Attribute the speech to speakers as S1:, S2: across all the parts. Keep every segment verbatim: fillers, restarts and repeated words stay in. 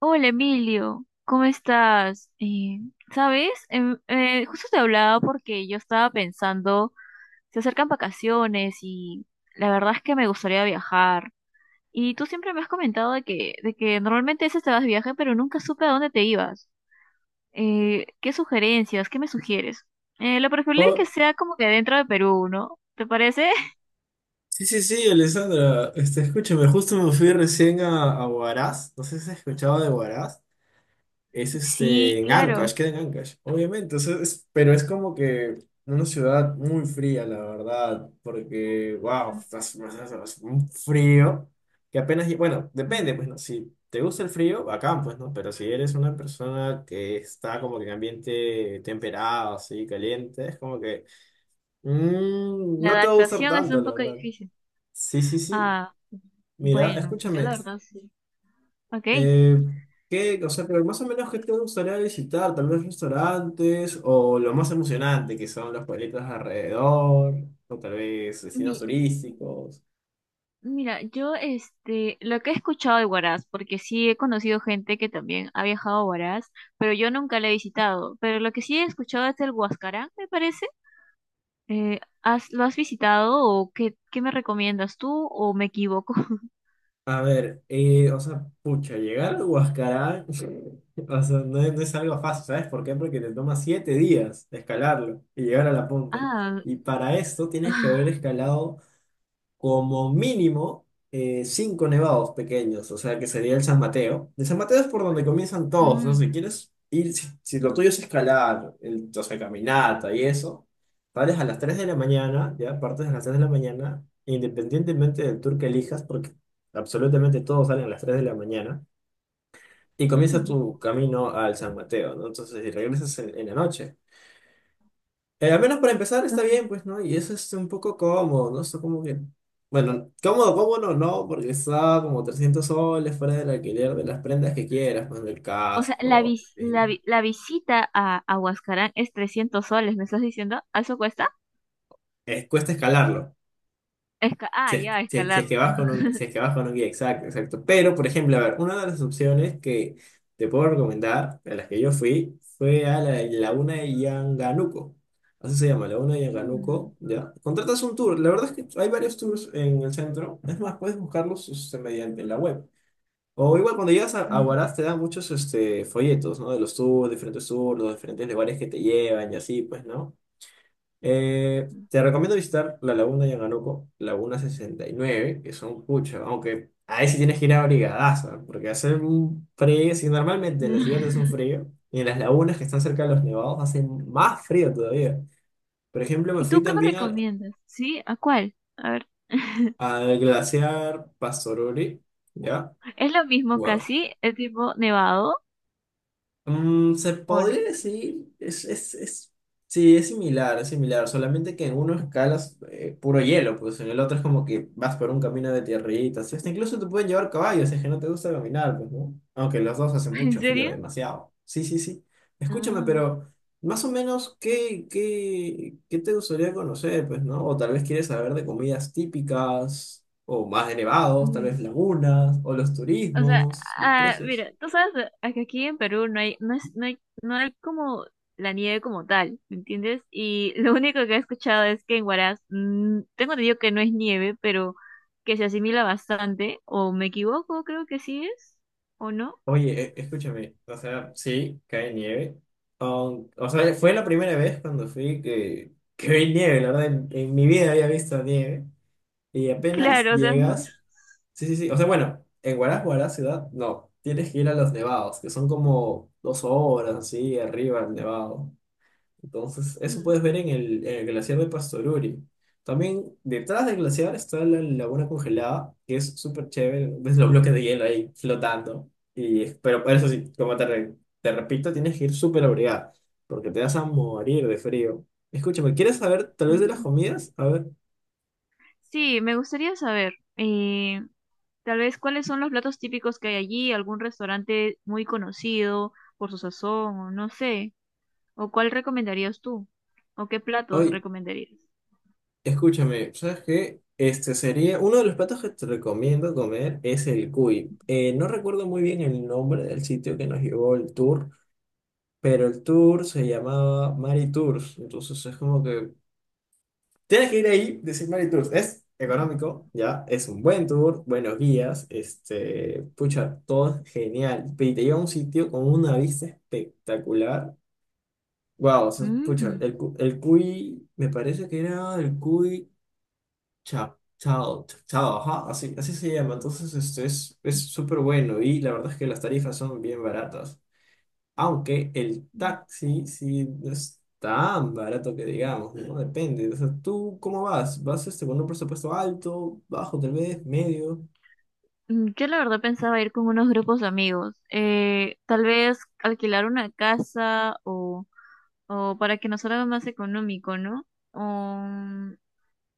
S1: Hola Emilio, ¿cómo estás? Eh, ¿sabes? Em, eh, justo te hablaba porque yo estaba pensando, se acercan vacaciones y la verdad es que me gustaría viajar. Y tú siempre me has comentado de que, de que normalmente a veces te vas de viaje, pero nunca supe a dónde te ibas. Eh, ¿qué sugerencias? ¿Qué me sugieres? Eh, lo preferible es que
S2: Oh,
S1: sea como que dentro de Perú, ¿no? ¿Te parece?
S2: sí, sí, sí, Alessandra. Este, escúchame, justo me fui recién a, a Huaraz. No sé si has escuchado de Huaraz. Es este,
S1: Sí,
S2: en
S1: claro.
S2: Ancash, queda en Ancash, obviamente. O sea, es- pero es como que una ciudad muy fría, la verdad. Porque, wow, estás, estás- estás- un frío que apenas. Bueno,
S1: Mm.
S2: depende, pues, ¿no? Si te gusta el frío, acá, pues, ¿no? Pero si eres una persona que está como que en ambiente temperado, así, caliente, es como que. Mm,
S1: La
S2: no te va a gustar
S1: adaptación es
S2: tanto,
S1: un
S2: la
S1: poco
S2: verdad.
S1: difícil.
S2: Sí, sí, sí.
S1: Ah,
S2: Mira,
S1: bueno, yo
S2: escúchame.
S1: la verdad sí. Ok.
S2: eh, ¿Qué, o sea, pero más o menos qué te gustaría visitar? Tal vez restaurantes o lo más emocionante que son los pueblitos alrededor o tal vez destinos
S1: Mi-
S2: turísticos.
S1: mira, yo este, lo que he escuchado de Huaraz, porque sí he conocido gente que también ha viajado a Huaraz, pero yo nunca la he visitado. Pero lo que sí he escuchado es el Huascarán, me parece. Eh, ¿has, lo has visitado o qué, qué me recomiendas tú o me equivoco?
S2: A ver, eh, o sea, pucha, llegar a Huascarán, o sea, no es, no es algo fácil, ¿sabes por qué? Porque te toma siete días escalarlo y llegar a la punta.
S1: Ah,
S2: Y para esto tienes que haber
S1: ah.
S2: escalado como mínimo eh, cinco nevados pequeños, o sea que sería el San Mateo. El San Mateo es por donde comienzan todos, ¿no? Si
S1: Mm.
S2: quieres ir, si, si lo tuyo es escalar, el, o sea, caminata y eso, sales a las tres de la mañana, ya partes a las tres de la mañana, independientemente del tour que elijas, porque absolutamente todos salen a las tres de la mañana, y comienza
S1: Mm.
S2: tu camino al San Mateo, ¿no? Entonces, y regresas en, en la noche. Eh, al menos para empezar está
S1: Mm.
S2: bien, pues, ¿no? Y eso es un poco cómodo, ¿no? Está como que... Bueno, cómodo, cómodo no, porque está como trescientos soles fuera del alquiler de las prendas que quieras, pues, del
S1: O sea, la,
S2: casco.
S1: vis-
S2: Eh,
S1: la, vi- la visita a, a Huascarán es trescientos soles, ¿me estás diciendo? ¿A ¿Eso cuesta?
S2: eh, cuesta escalarlo.
S1: Esca-
S2: Si
S1: ah,
S2: es,
S1: ya,
S2: si es- si
S1: escalar.
S2: es que vas con un, si es que vas con un guía, exacto, exacto. Pero, por ejemplo, a ver, una de las opciones que te puedo recomendar, a las que yo fui, fue a la Laguna de Yanganuco. Así se llama, Laguna de
S1: Mm.
S2: Yanganuco, ¿ya? Contratas un tour. La verdad es que hay varios tours en el centro. Es más, puedes buscarlos este, mediante la web. O igual cuando llegas a, a
S1: Mm.
S2: Huaraz te dan muchos este, folletos, ¿no? De los tours, diferentes tours, los diferentes lugares que te llevan y así, pues, ¿no? Eh, te recomiendo visitar la Laguna de Yanganoco, Laguna sesenta y nueve, que son pucha, aunque ahí sí tienes que ir abrigadaza, porque hace un frío, si normalmente en la ciudad hace un frío, y en las lagunas que están cerca de los nevados hace más frío todavía. Por ejemplo, me
S1: ¿Y
S2: fui
S1: tú qué me
S2: también al,
S1: recomiendas? ¿Sí? ¿A cuál? A ver.
S2: al glaciar Pastoruri, ¿ya?
S1: ¿Es lo mismo casi? ¿Es tipo nevado
S2: Mm, se
S1: o no?
S2: podría decir, es, es, es, sí, es similar, es similar, solamente que en uno escalas eh, puro hielo, pues en el otro es como que vas por un camino de tierritas, hasta incluso te pueden llevar caballos, si es que no te gusta caminar, pues, ¿no? Aunque los dos hace
S1: ¿En
S2: mucho frío,
S1: serio?
S2: demasiado. Sí, sí, sí. Escúchame,
S1: Ah.
S2: pero más o menos, ¿qué, qué, qué te gustaría conocer, pues, ¿no? O tal vez quieres saber de comidas típicas, o más elevados, tal
S1: Mm.
S2: vez lagunas, o los
S1: O sea,
S2: turismos, los
S1: ah,
S2: precios.
S1: mira, tú sabes eh, que aquí en Perú no hay, no es, no hay, no hay como la nieve como tal, ¿me entiendes? Y lo único que he escuchado es que en Huaraz, mm, tengo entendido que no es nieve, pero que se asimila bastante, o me equivoco, creo que sí es, o no.
S2: Oye, e- escúchame, o sea, sí, cae nieve. Aun- o sea, fue la primera vez cuando fui que, que vi nieve, la verdad, en, en mi vida había visto nieve. Y apenas
S1: Claro, o sea,
S2: llegas, sí, sí, sí, o sea, bueno, en Huaraz, Huaraz ciudad, no, tienes que ir a los nevados, que son como dos horas así arriba el nevado. Entonces, eso puedes ver en el, en el glaciar de Pastoruri. También detrás del glaciar está la laguna congelada, que es súper chévere. Ves los bloques de hielo ahí flotando. Y, pero eso sí, como te, re- te repito, tienes que ir súper abrigada, porque te vas a morir de frío. Escúchame, ¿quieres saber tal vez de las
S1: nosotros-
S2: comidas? A ver,
S1: Sí, me gustaría saber, eh, tal vez cuáles son los platos típicos que hay allí, algún restaurante muy conocido por su sazón, o no sé, o cuál recomendarías tú, o qué platos
S2: hoy,
S1: recomendarías.
S2: escúchame, ¿sabes qué? Este sería uno de los platos que te recomiendo comer es el cuy. Eh, no recuerdo muy bien el nombre del sitio que nos llevó el tour. Pero el tour se llamaba Mari Tours, entonces es como que tienes que ir ahí, decir Mari Tours, es económico, ya, es un buen tour, buenos guías, este, pucha, todo es genial, y te lleva a un sitio con una vista espectacular, wow, o sea, pucha,
S1: Mm.
S2: el, cu- el Cuy, me parece que era el Cuy Chao, Chao, Chao, ajá, así, así se llama, entonces este es es súper bueno y la verdad es que las tarifas son bien baratas. Aunque el taxi sí no es tan barato que digamos, ¿no? Depende. O sea, ¿tú cómo vas? ¿Vas este, con un presupuesto alto, bajo tal vez, medio?
S1: Mm, Yo la verdad pensaba ir con unos grupos de amigos, eh, tal vez alquilar una casa o, o para que nos salga más económico, ¿no? O mm,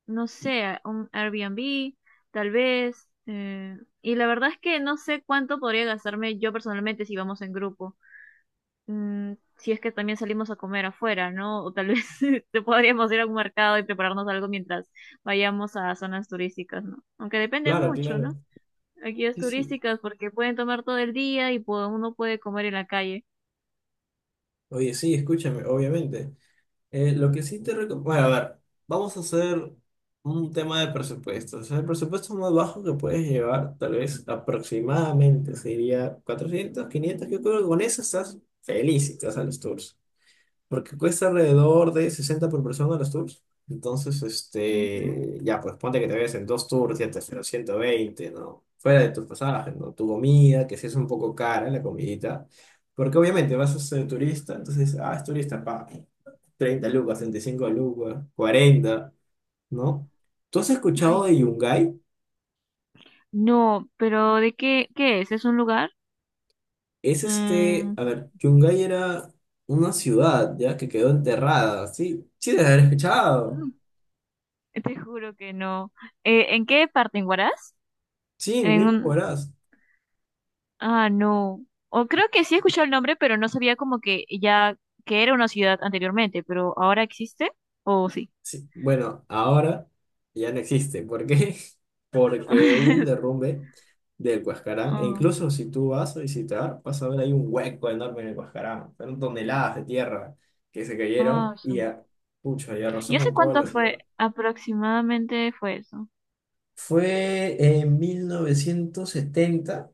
S1: no sé, un Airbnb, tal vez. Eh, y la verdad es que no sé cuánto podría gastarme yo personalmente si vamos en grupo. Mm, si es que también salimos a comer afuera, ¿no? O tal vez te podríamos ir a un mercado y prepararnos algo mientras vayamos a zonas turísticas, ¿no? Aunque depende
S2: Claro,
S1: mucho,
S2: claro.
S1: ¿no? Aquí es
S2: Sí, sí.
S1: turísticas porque pueden tomar todo el día y pu- uno puede comer en la calle.
S2: Oye, sí, escúchame, obviamente. Eh, lo que sí te recomiendo... Bueno, a ver, vamos a hacer un tema de presupuesto. O sea, el presupuesto más bajo que puedes llevar, tal vez aproximadamente, sería cuatrocientos, quinientos. Yo creo que con eso estás felicito a los tours. Porque cuesta alrededor de sesenta por persona los tours. Entonces,
S1: Ujú.
S2: este, ya, pues ponte que te ves en dos tours, ya te hacen los ciento veinte, ¿no? Fuera de tus pasajes, ¿no? Tu comida, que si es un poco cara la comidita. Porque obviamente vas a ser turista, entonces, ah, es turista, pa, treinta lucas, treinta y cinco lucas, cuarenta, ¿no? ¿Tú has
S1: Ay,
S2: escuchado de
S1: sí.
S2: Yungay?
S1: No, pero ¿de qué, qué es? ¿Es un lugar?
S2: Es este,
S1: Mm.
S2: a ver, Yungay era una ciudad, ¿ya? Que quedó enterrada, sí, sí, debes haber escuchado.
S1: Te juro que no. Eh, ¿en qué parte? ¿En Huaraz?
S2: Sí,
S1: En
S2: mismo
S1: un...
S2: verás.
S1: Ah, no. O creo que sí he escuchado el nombre, pero no sabía como que ya que era una ciudad anteriormente, pero ahora existe o sí.
S2: Sí, bueno, ahora ya no existe. ¿Por qué? Porque hubo un derrumbe del Huascarán. E
S1: Ah,
S2: incluso si tú vas a visitar, vas a ver ahí un hueco enorme en el Huascarán. Fueron toneladas de tierra que se
S1: ah,
S2: cayeron y,
S1: su-
S2: a- pucha, y arrasó
S1: Yo sé
S2: con toda
S1: cuánto
S2: la
S1: fue,
S2: ciudad.
S1: aproximadamente fue eso.
S2: Fue en mil novecientos setenta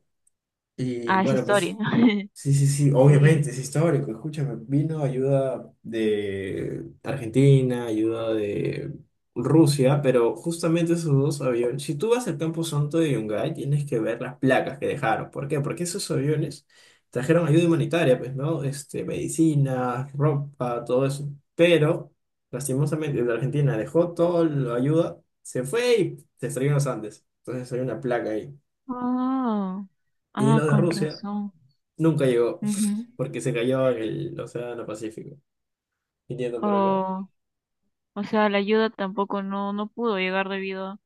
S2: y
S1: Ah, es
S2: bueno, pues
S1: historia.
S2: sí, sí, sí,
S1: Sí.
S2: obviamente es histórico. Escúchame, vino ayuda de Argentina, ayuda de Rusia, pero justamente esos dos aviones, si tú vas al Campo Santo de Yungay, tienes que ver las placas que dejaron. ¿Por qué? Porque esos aviones trajeron ayuda humanitaria, pues, ¿no? Este, medicina, ropa, todo eso. Pero, lastimosamente, el de Argentina dejó toda la ayuda, se fue y se estrelló en los Andes. Entonces hay una placa ahí.
S1: Ah,
S2: Y
S1: ah,
S2: los de
S1: con
S2: Rusia
S1: razón.
S2: nunca llegó,
S1: Ujú.
S2: porque se cayó en el Océano Pacífico, viniendo por acá.
S1: Oh, o sea, la ayuda tampoco no, no pudo llegar debido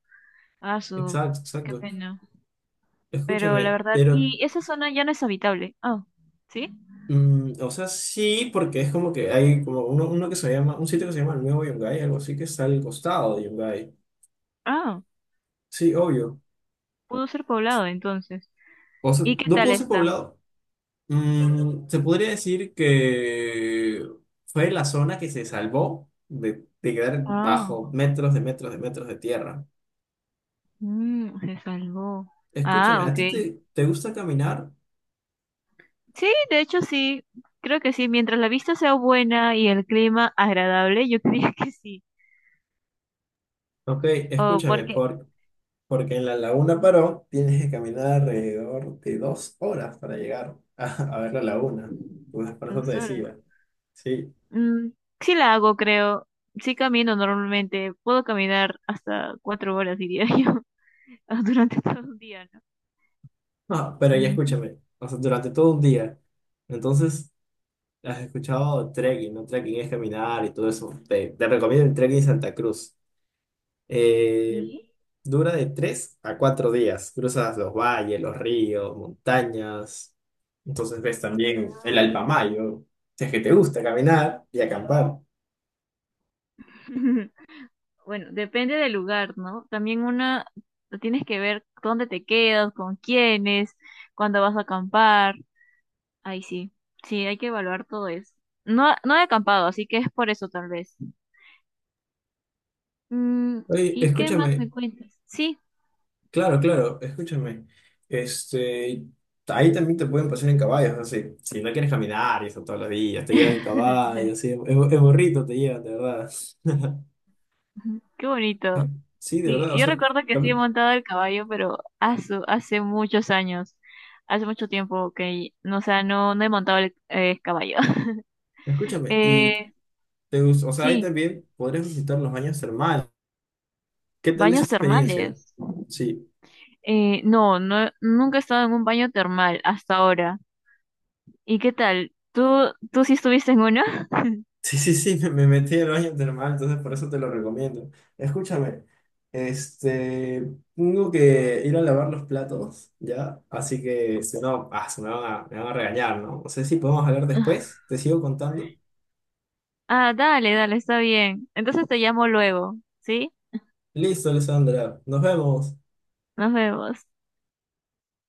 S1: a su...
S2: Exacto,
S1: Qué
S2: exacto.
S1: pena. Pero la
S2: Escúchame,
S1: verdad,
S2: pero,
S1: y esa zona ya no es habitable. Ah, ¿sí?
S2: mm, o sea, sí, porque es como que hay como uno, uno que se llama, un sitio que se llama el Nuevo Yungay, algo así que está al costado de Yungay.
S1: Ah,
S2: Sí, obvio.
S1: pudo ser poblado entonces.
S2: O sea,
S1: ¿Y qué
S2: no
S1: tal
S2: pudo ser
S1: está?
S2: poblado. Mm, se podría decir que fue la zona que se salvó de, de quedar
S1: Ah,
S2: bajo metros de metros de metros de tierra.
S1: mm, se salvó.
S2: Escúchame,
S1: Ah,
S2: ¿a ti
S1: ok.
S2: te, te gusta caminar?
S1: Sí, de hecho sí, creo que sí. Mientras la vista sea buena y el clima agradable, yo creía que sí.
S2: Ok,
S1: o
S2: escúchame,
S1: porque
S2: por, porque en la Laguna Paró tienes que caminar alrededor de dos horas para llegar a, a ver la laguna. Pues por eso te
S1: Dos horas.
S2: decía. Sí.
S1: Mm, sí la hago, creo. Sí camino normalmente. Puedo caminar hasta cuatro horas, diría yo, durante todo un día, ¿no?
S2: No, pero ya
S1: Ujú.
S2: escúchame. O sea, durante todo un día. Entonces, has escuchado trekking, ¿no? Trekking es caminar y todo eso. Te, te recomiendo el trekking Santa Cruz. Eh,
S1: Sí.
S2: Dura de tres a cuatro días. Cruzas los valles, los ríos, montañas. Entonces ves también el
S1: Ah.
S2: Alpamayo. Si es que te gusta caminar y acampar.
S1: Bueno, depende del lugar, ¿no? También una, tienes que ver dónde te quedas, con quiénes, cuándo vas a acampar. Ahí sí, sí, hay que evaluar todo eso. No, no he acampado, así que es por eso tal vez. Mm,
S2: Oye,
S1: ¿y qué más
S2: escúchame,
S1: me cuentas? Sí.
S2: claro, claro, escúchame. Este, ahí también te pueden pasar en caballos, así. Si no quieres caminar y eso todos los días, te llevan en caballo, así, en, en burrito te llevan, de verdad.
S1: Qué bonito.
S2: Sí, de
S1: Sí,
S2: verdad, o
S1: yo
S2: sea,
S1: recuerdo que sí he
S2: también,
S1: montado el caballo, pero hace, hace muchos años, hace mucho tiempo que, no, o sea, no, no he montado el eh, caballo.
S2: escúchame, y
S1: Eh,
S2: te gus- o sea, ahí
S1: sí,
S2: también podrías visitar los baños termales. ¿Qué tal esa
S1: baños
S2: experiencia?
S1: termales.
S2: Sí.
S1: Eh, no, no, nunca he estado en un baño termal hasta ahora. ¿Y qué tal? ¿Tú, tú sí estuviste en uno?
S2: Sí, sí, sí, me me metí al baño termal, entonces por eso te lo recomiendo. Escúchame, este, tengo que ir a lavar los platos, ¿ya? Así que si no, ah, se me van a, me van a regañar, ¿no? No sé si podemos hablar después, te sigo contando.
S1: Ah, dale, dale, está bien. Entonces te llamo luego, ¿sí?
S2: Listo, Alessandra, nos vemos.
S1: Nos vemos.